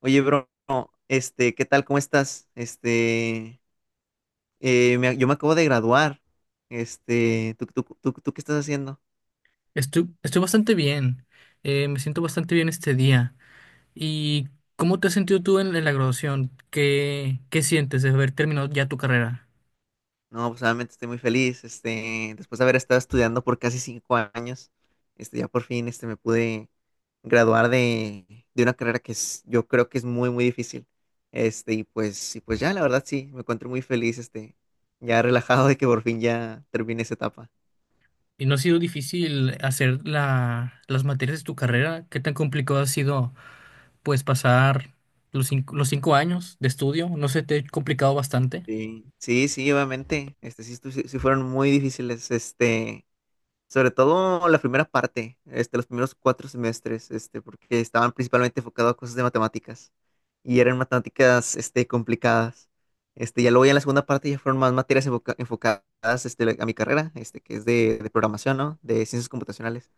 Oye, bro, ¿qué tal? ¿Cómo estás? Yo me acabo de graduar. ¿Tú qué estás haciendo? Estoy bastante bien. Me siento bastante bien este día. ¿Y cómo te has sentido tú en la graduación? ¿Qué sientes de haber terminado ya tu carrera? No, pues obviamente estoy muy feliz. Después de haber estado estudiando por casi 5 años, ya por fin, me pude graduar de una carrera que es, yo creo que es muy, muy difícil. Y pues ya, la verdad sí, me encuentro muy feliz, ya relajado de que por fin ya termine esa etapa. ¿Y no ha sido difícil hacer las materias de tu carrera? ¿Qué tan complicado ha sido, pues, pasar los cinco años de estudio? ¿No se te ha complicado bastante? Sí, sí, sí, obviamente. Sí, sí fueron muy difíciles. Sobre todo la primera parte, los primeros 4 semestres, porque estaban principalmente enfocados a cosas de matemáticas. Y eran matemáticas, complicadas. Ya luego ya en la segunda parte ya fueron más materias enfocadas, a mi carrera, que es de programación, ¿no? De ciencias computacionales.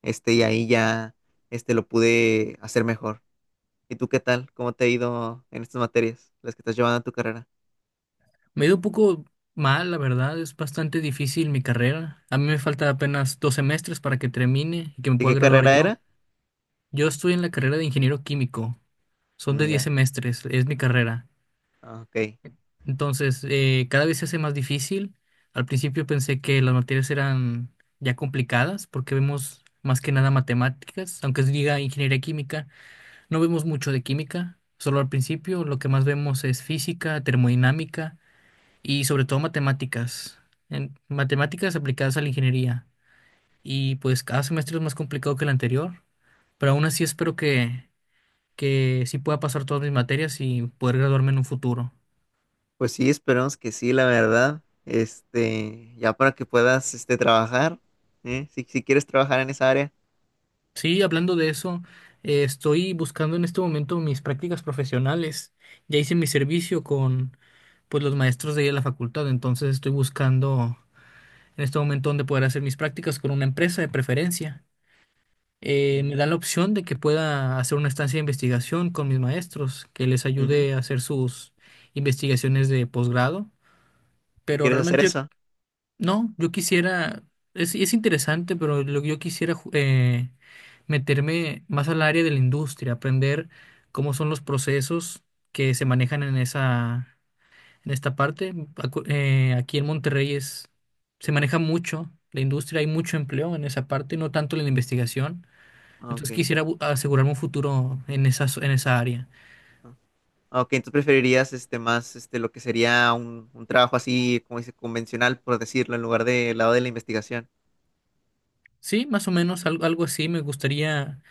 Y ahí ya, lo pude hacer mejor. ¿Y tú qué tal? ¿Cómo te ha ido en estas materias, las que estás llevando en tu carrera? Me ha ido un poco mal, la verdad. Es bastante difícil mi carrera. A mí me falta apenas 2 semestres para que termine y que me ¿Y pueda qué graduar carrera yo. era? Yo estoy en la carrera de ingeniero químico. Son Mm, de 10 ya, semestres, es mi carrera. ah, ok. Entonces, cada vez se hace más difícil. Al principio pensé que las materias eran ya complicadas porque vemos más que nada matemáticas, aunque se diga ingeniería química, no vemos mucho de química, solo al principio lo que más vemos es física, termodinámica y sobre todo matemáticas, matemáticas aplicadas a la ingeniería. Y pues cada semestre es más complicado que el anterior, pero aún así espero que sí pueda pasar todas mis materias y poder graduarme en un futuro. Pues sí, esperemos que sí, la verdad. Ya para que puedas, trabajar, ¿eh? Si quieres trabajar en esa área. Sí, hablando de eso, estoy buscando en este momento mis prácticas profesionales. Ya hice mi servicio con pues los maestros de ahí de la facultad, entonces estoy buscando en este momento dónde poder hacer mis prácticas con una empresa de preferencia. Me Ujú, dan la opción de que pueda hacer una estancia de investigación con mis maestros, que les ujú. ayude a hacer sus investigaciones de posgrado, ¿Y pero quieres hacer realmente yo eso? no, yo quisiera, es interesante, pero lo que yo quisiera meterme más al área de la industria, aprender cómo son los procesos que se manejan en esta parte. Aquí en Monterrey se maneja mucho la industria, hay mucho empleo en esa parte, no tanto en la investigación. Ah, Entonces ok. quisiera asegurarme un futuro en esa área. Ah, ah, ok, entonces preferirías, más, lo que sería un trabajo así, como dice, convencional, por decirlo, en lugar del lado de la investigación. Sí, más o menos algo así. Me gustaría,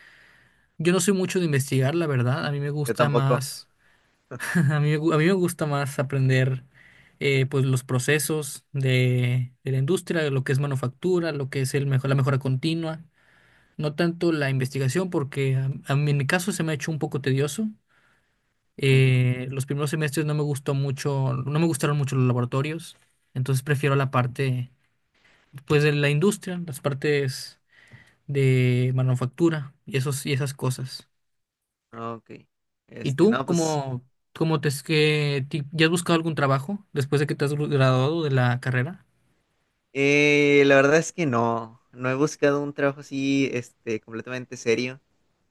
yo no soy mucho de investigar, la verdad. A mí me Yo gusta tampoco. más. A mí me gusta más aprender pues los procesos de la industria, de lo que es manufactura, lo que es la mejora continua, no tanto la investigación, porque a mí en mi caso se me ha hecho un poco tedioso. Ujú. Los primeros semestres no me gustó mucho, no me gustaron mucho los laboratorios, entonces prefiero la parte pues de la industria, las partes de manufactura y esas cosas. Ah, ok. ¿Y tú No, pues, cómo te es que ya has buscado algún trabajo después de que te has graduado de la carrera? La verdad es que no, no he buscado un trabajo así, completamente serio.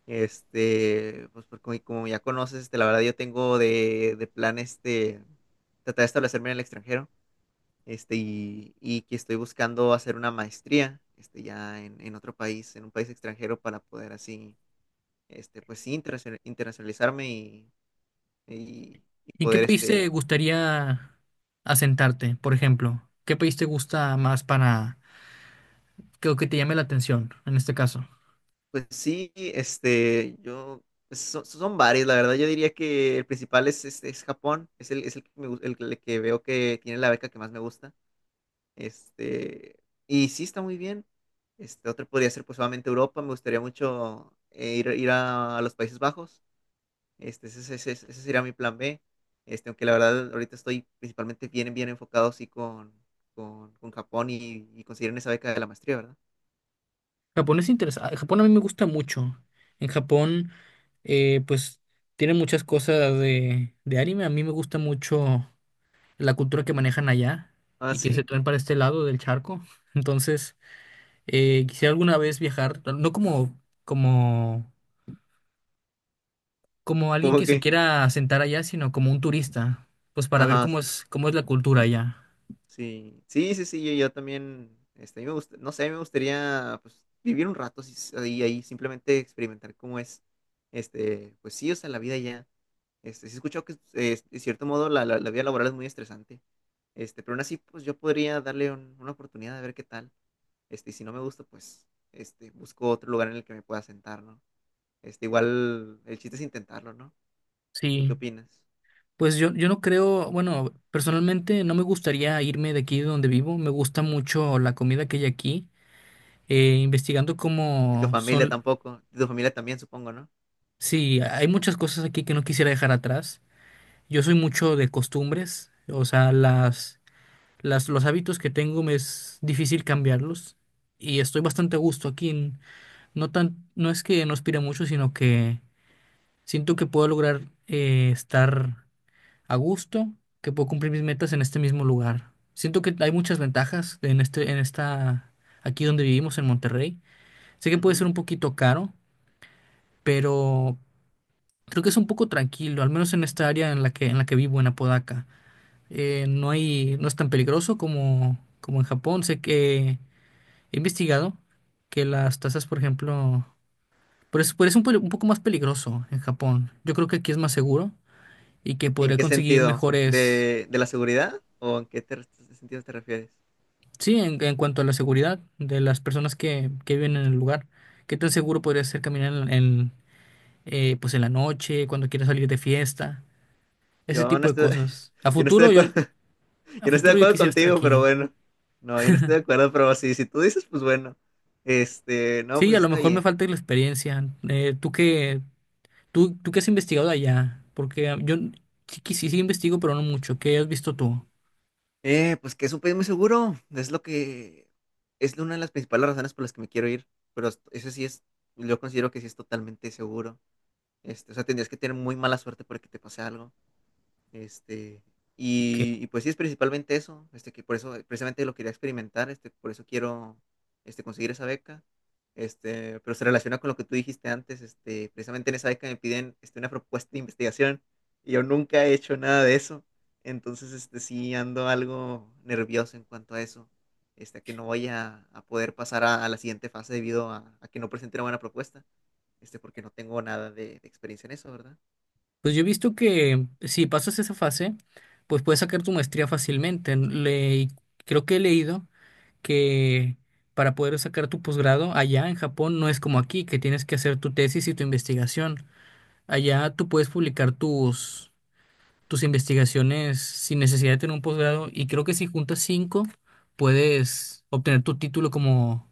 Pues porque como ya conoces, la verdad yo tengo de plan tratar de establecerme en el extranjero, y que estoy buscando hacer una maestría, ya en otro país, en un país extranjero para poder así, pues sí, internacionalizarme y ¿En qué poder, país te gustaría asentarte, por ejemplo? ¿Qué país te gusta más para que te llame la atención en este caso? pues sí, yo, pues, son varios, la verdad yo diría que el principal es Japón, es el que me gu- el que veo que tiene la beca que más me gusta. Este, y sí está muy bien. Otro podría ser pues solamente Europa. Me gustaría mucho ir a los Países Bajos. Ese sería mi plan B. Aunque la verdad ahorita estoy principalmente bien, bien enfocado sí con Japón y conseguir esa beca de la maestría, ¿verdad? Japón es interesante. Japón a mí me gusta mucho. En Japón, pues tiene muchas cosas de anime. A mí me gusta mucho la cultura que manejan allá Ah, y que se sí. traen para este lado del charco. Entonces. Quisiera alguna vez viajar, no no como, como alguien Como que se que, quiera asentar allá, sino como un turista, pues para ver ajá, cómo es la cultura allá. sí. Sí, sí, sí, yo también, a mí me gusta, no sé, a mí me gustaría pues vivir un rato sí, ahí, simplemente experimentar cómo es, pues sí, o sea, la vida ya. Sí he escuchado que, de cierto modo, la vida laboral es muy estresante. Pero aún así, pues yo podría darle una oportunidad de ver qué tal. Y si no me gusta, pues, busco otro lugar en el que me pueda sentar, ¿no? Igual el chiste es intentarlo, ¿no? ¿Tú Sí, qué opinas? pues yo no creo, bueno, personalmente no me gustaría irme de aquí de donde vivo, me gusta mucho la comida que hay aquí, investigando Y tu cómo familia son, tampoco. Y tu familia también, supongo, ¿no? sí, hay muchas cosas aquí que no quisiera dejar atrás. Yo soy mucho de costumbres, o sea, los hábitos que tengo me es difícil cambiarlos y estoy bastante a gusto aquí. No tan, no es que no aspire mucho, sino que siento que puedo lograr estar a gusto, que puedo cumplir mis metas en este mismo lugar. Siento que hay muchas ventajas en este, en esta, aquí donde vivimos, en Monterrey. Sé que puede ser Ujú. un poquito caro, pero creo que es un poco tranquilo, al menos en esta área en la que vivo, en Apodaca. No hay, no es tan peligroso como en Japón. Sé que He investigado que las tasas, por ejemplo, por eso un poco más peligroso en Japón. Yo creo que aquí es más seguro y que ¿En podría qué conseguir sentido? mejores, ¿De la seguridad? ¿O en qué sentido te refieres? sí, en cuanto a la seguridad de las personas que viven en el lugar. ¿Qué tan seguro podría ser caminar pues en la noche, cuando quieras salir de fiesta? Ese Yo no tipo de estoy, cosas. A Yo no estoy de futuro acuerdo. yo, a Yo no estoy de futuro yo acuerdo quisiera estar contigo, pero aquí. bueno. No, yo no estoy de acuerdo, pero sí, si tú dices, pues bueno. No, Sí, pues a lo está mejor me bien. falta la experiencia. ¿Tú qué has investigado allá? Porque yo sí, que sí investigo, pero no mucho. ¿Qué has visto tú? Pues que es un país muy seguro. Es lo que es una de las principales razones por las que me quiero ir. Pero eso sí es, yo considero que sí es totalmente seguro. O sea, tendrías que tener muy mala suerte para que te pase algo. Este, ¿Qué? y pues sí, es principalmente eso, que por eso precisamente lo quería experimentar, por eso quiero conseguir esa beca. Pero se relaciona con lo que tú dijiste antes, precisamente en esa beca me piden una propuesta de investigación y yo nunca he hecho nada de eso, entonces sí ando algo nervioso en cuanto a eso, a que no voy a poder pasar a la siguiente fase debido a que no presenté una buena propuesta, porque no tengo nada de experiencia en eso, ¿verdad? Pues yo he visto que si pasas esa fase, pues puedes sacar tu maestría fácilmente. Creo que he leído que para poder sacar tu posgrado allá en Japón no es como aquí, que tienes que hacer tu tesis y tu investigación. Allá tú puedes publicar tus investigaciones sin necesidad de tener un posgrado y creo que si juntas cinco puedes obtener tu título como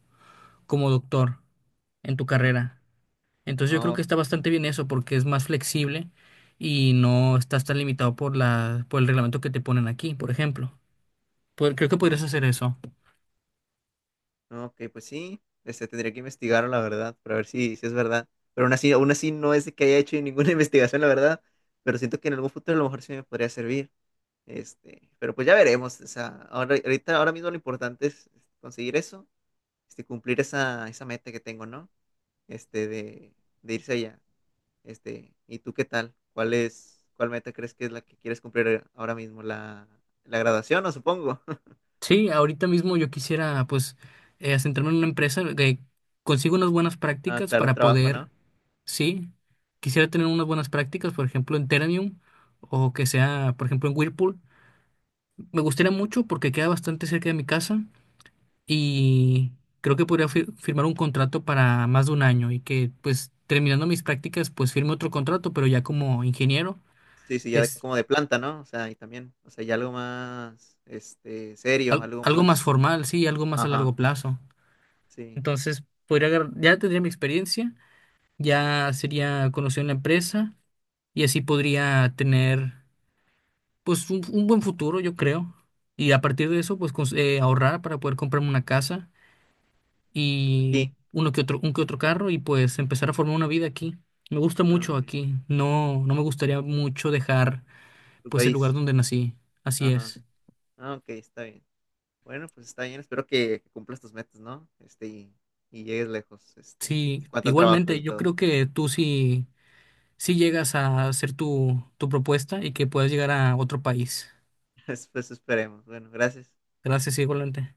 como doctor en tu Ah, carrera. Entonces yo creo ah, que está ok, bastante bien eso porque es más flexible y no estás tan limitado por el reglamento que te ponen aquí, por ejemplo. Creo que podrías ok. hacer eso. No, ok, pues sí, tendría que investigarlo, la verdad, para ver si es verdad. Pero aún así no es de que haya hecho ninguna investigación, la verdad, pero siento que en algún futuro a lo mejor sí me podría servir. Pero pues ya veremos, o sea, ahora, ahorita, ahora mismo lo importante es conseguir eso, cumplir esa meta que tengo, ¿no? Este, de, de irse allá. ¿Y tú qué tal? Cuál meta crees que es la que quieres cumplir ahora mismo? ¿La graduación, no supongo? Sí, ahorita mismo yo quisiera pues centrarme en una empresa que consiga unas buenas Ah, prácticas claro, un para trabajo, poder, ¿no? sí, quisiera tener unas buenas prácticas, por ejemplo, en Teranium o que sea, por ejemplo, en Whirlpool. Me gustaría mucho porque queda bastante cerca de mi casa y creo que podría firmar un contrato para más de un año y que pues terminando mis prácticas pues firme otro contrato, pero ya como ingeniero, Sí, sí, que ya es como de planta, ¿no? O sea, y también, o sea, ya algo más, serio, algo algo más más, formal, sí, algo más a ajá, largo plazo. sí, Entonces, ya tendría mi experiencia, ya sería conocido en la empresa y así podría tener pues un buen futuro, yo creo. Y a partir de eso, pues ahorrar para poder comprarme una casa y aquí, un que otro carro y pues empezar a formar una vida aquí. Me gusta ah, mucho ok, aquí. No, no me gustaría mucho dejar tu pues el lugar país, donde nací. Así ajá, es. ah, ok, está bien. Bueno, pues está bien, espero que cumplas tus metas, ¿no? Y llegues lejos, Sí, en cuanto al trabajo igualmente, y yo todo. creo que tú sí llegas a hacer tu propuesta y que puedas llegar a otro país. Pues esperemos. Bueno, gracias. Gracias, igualmente.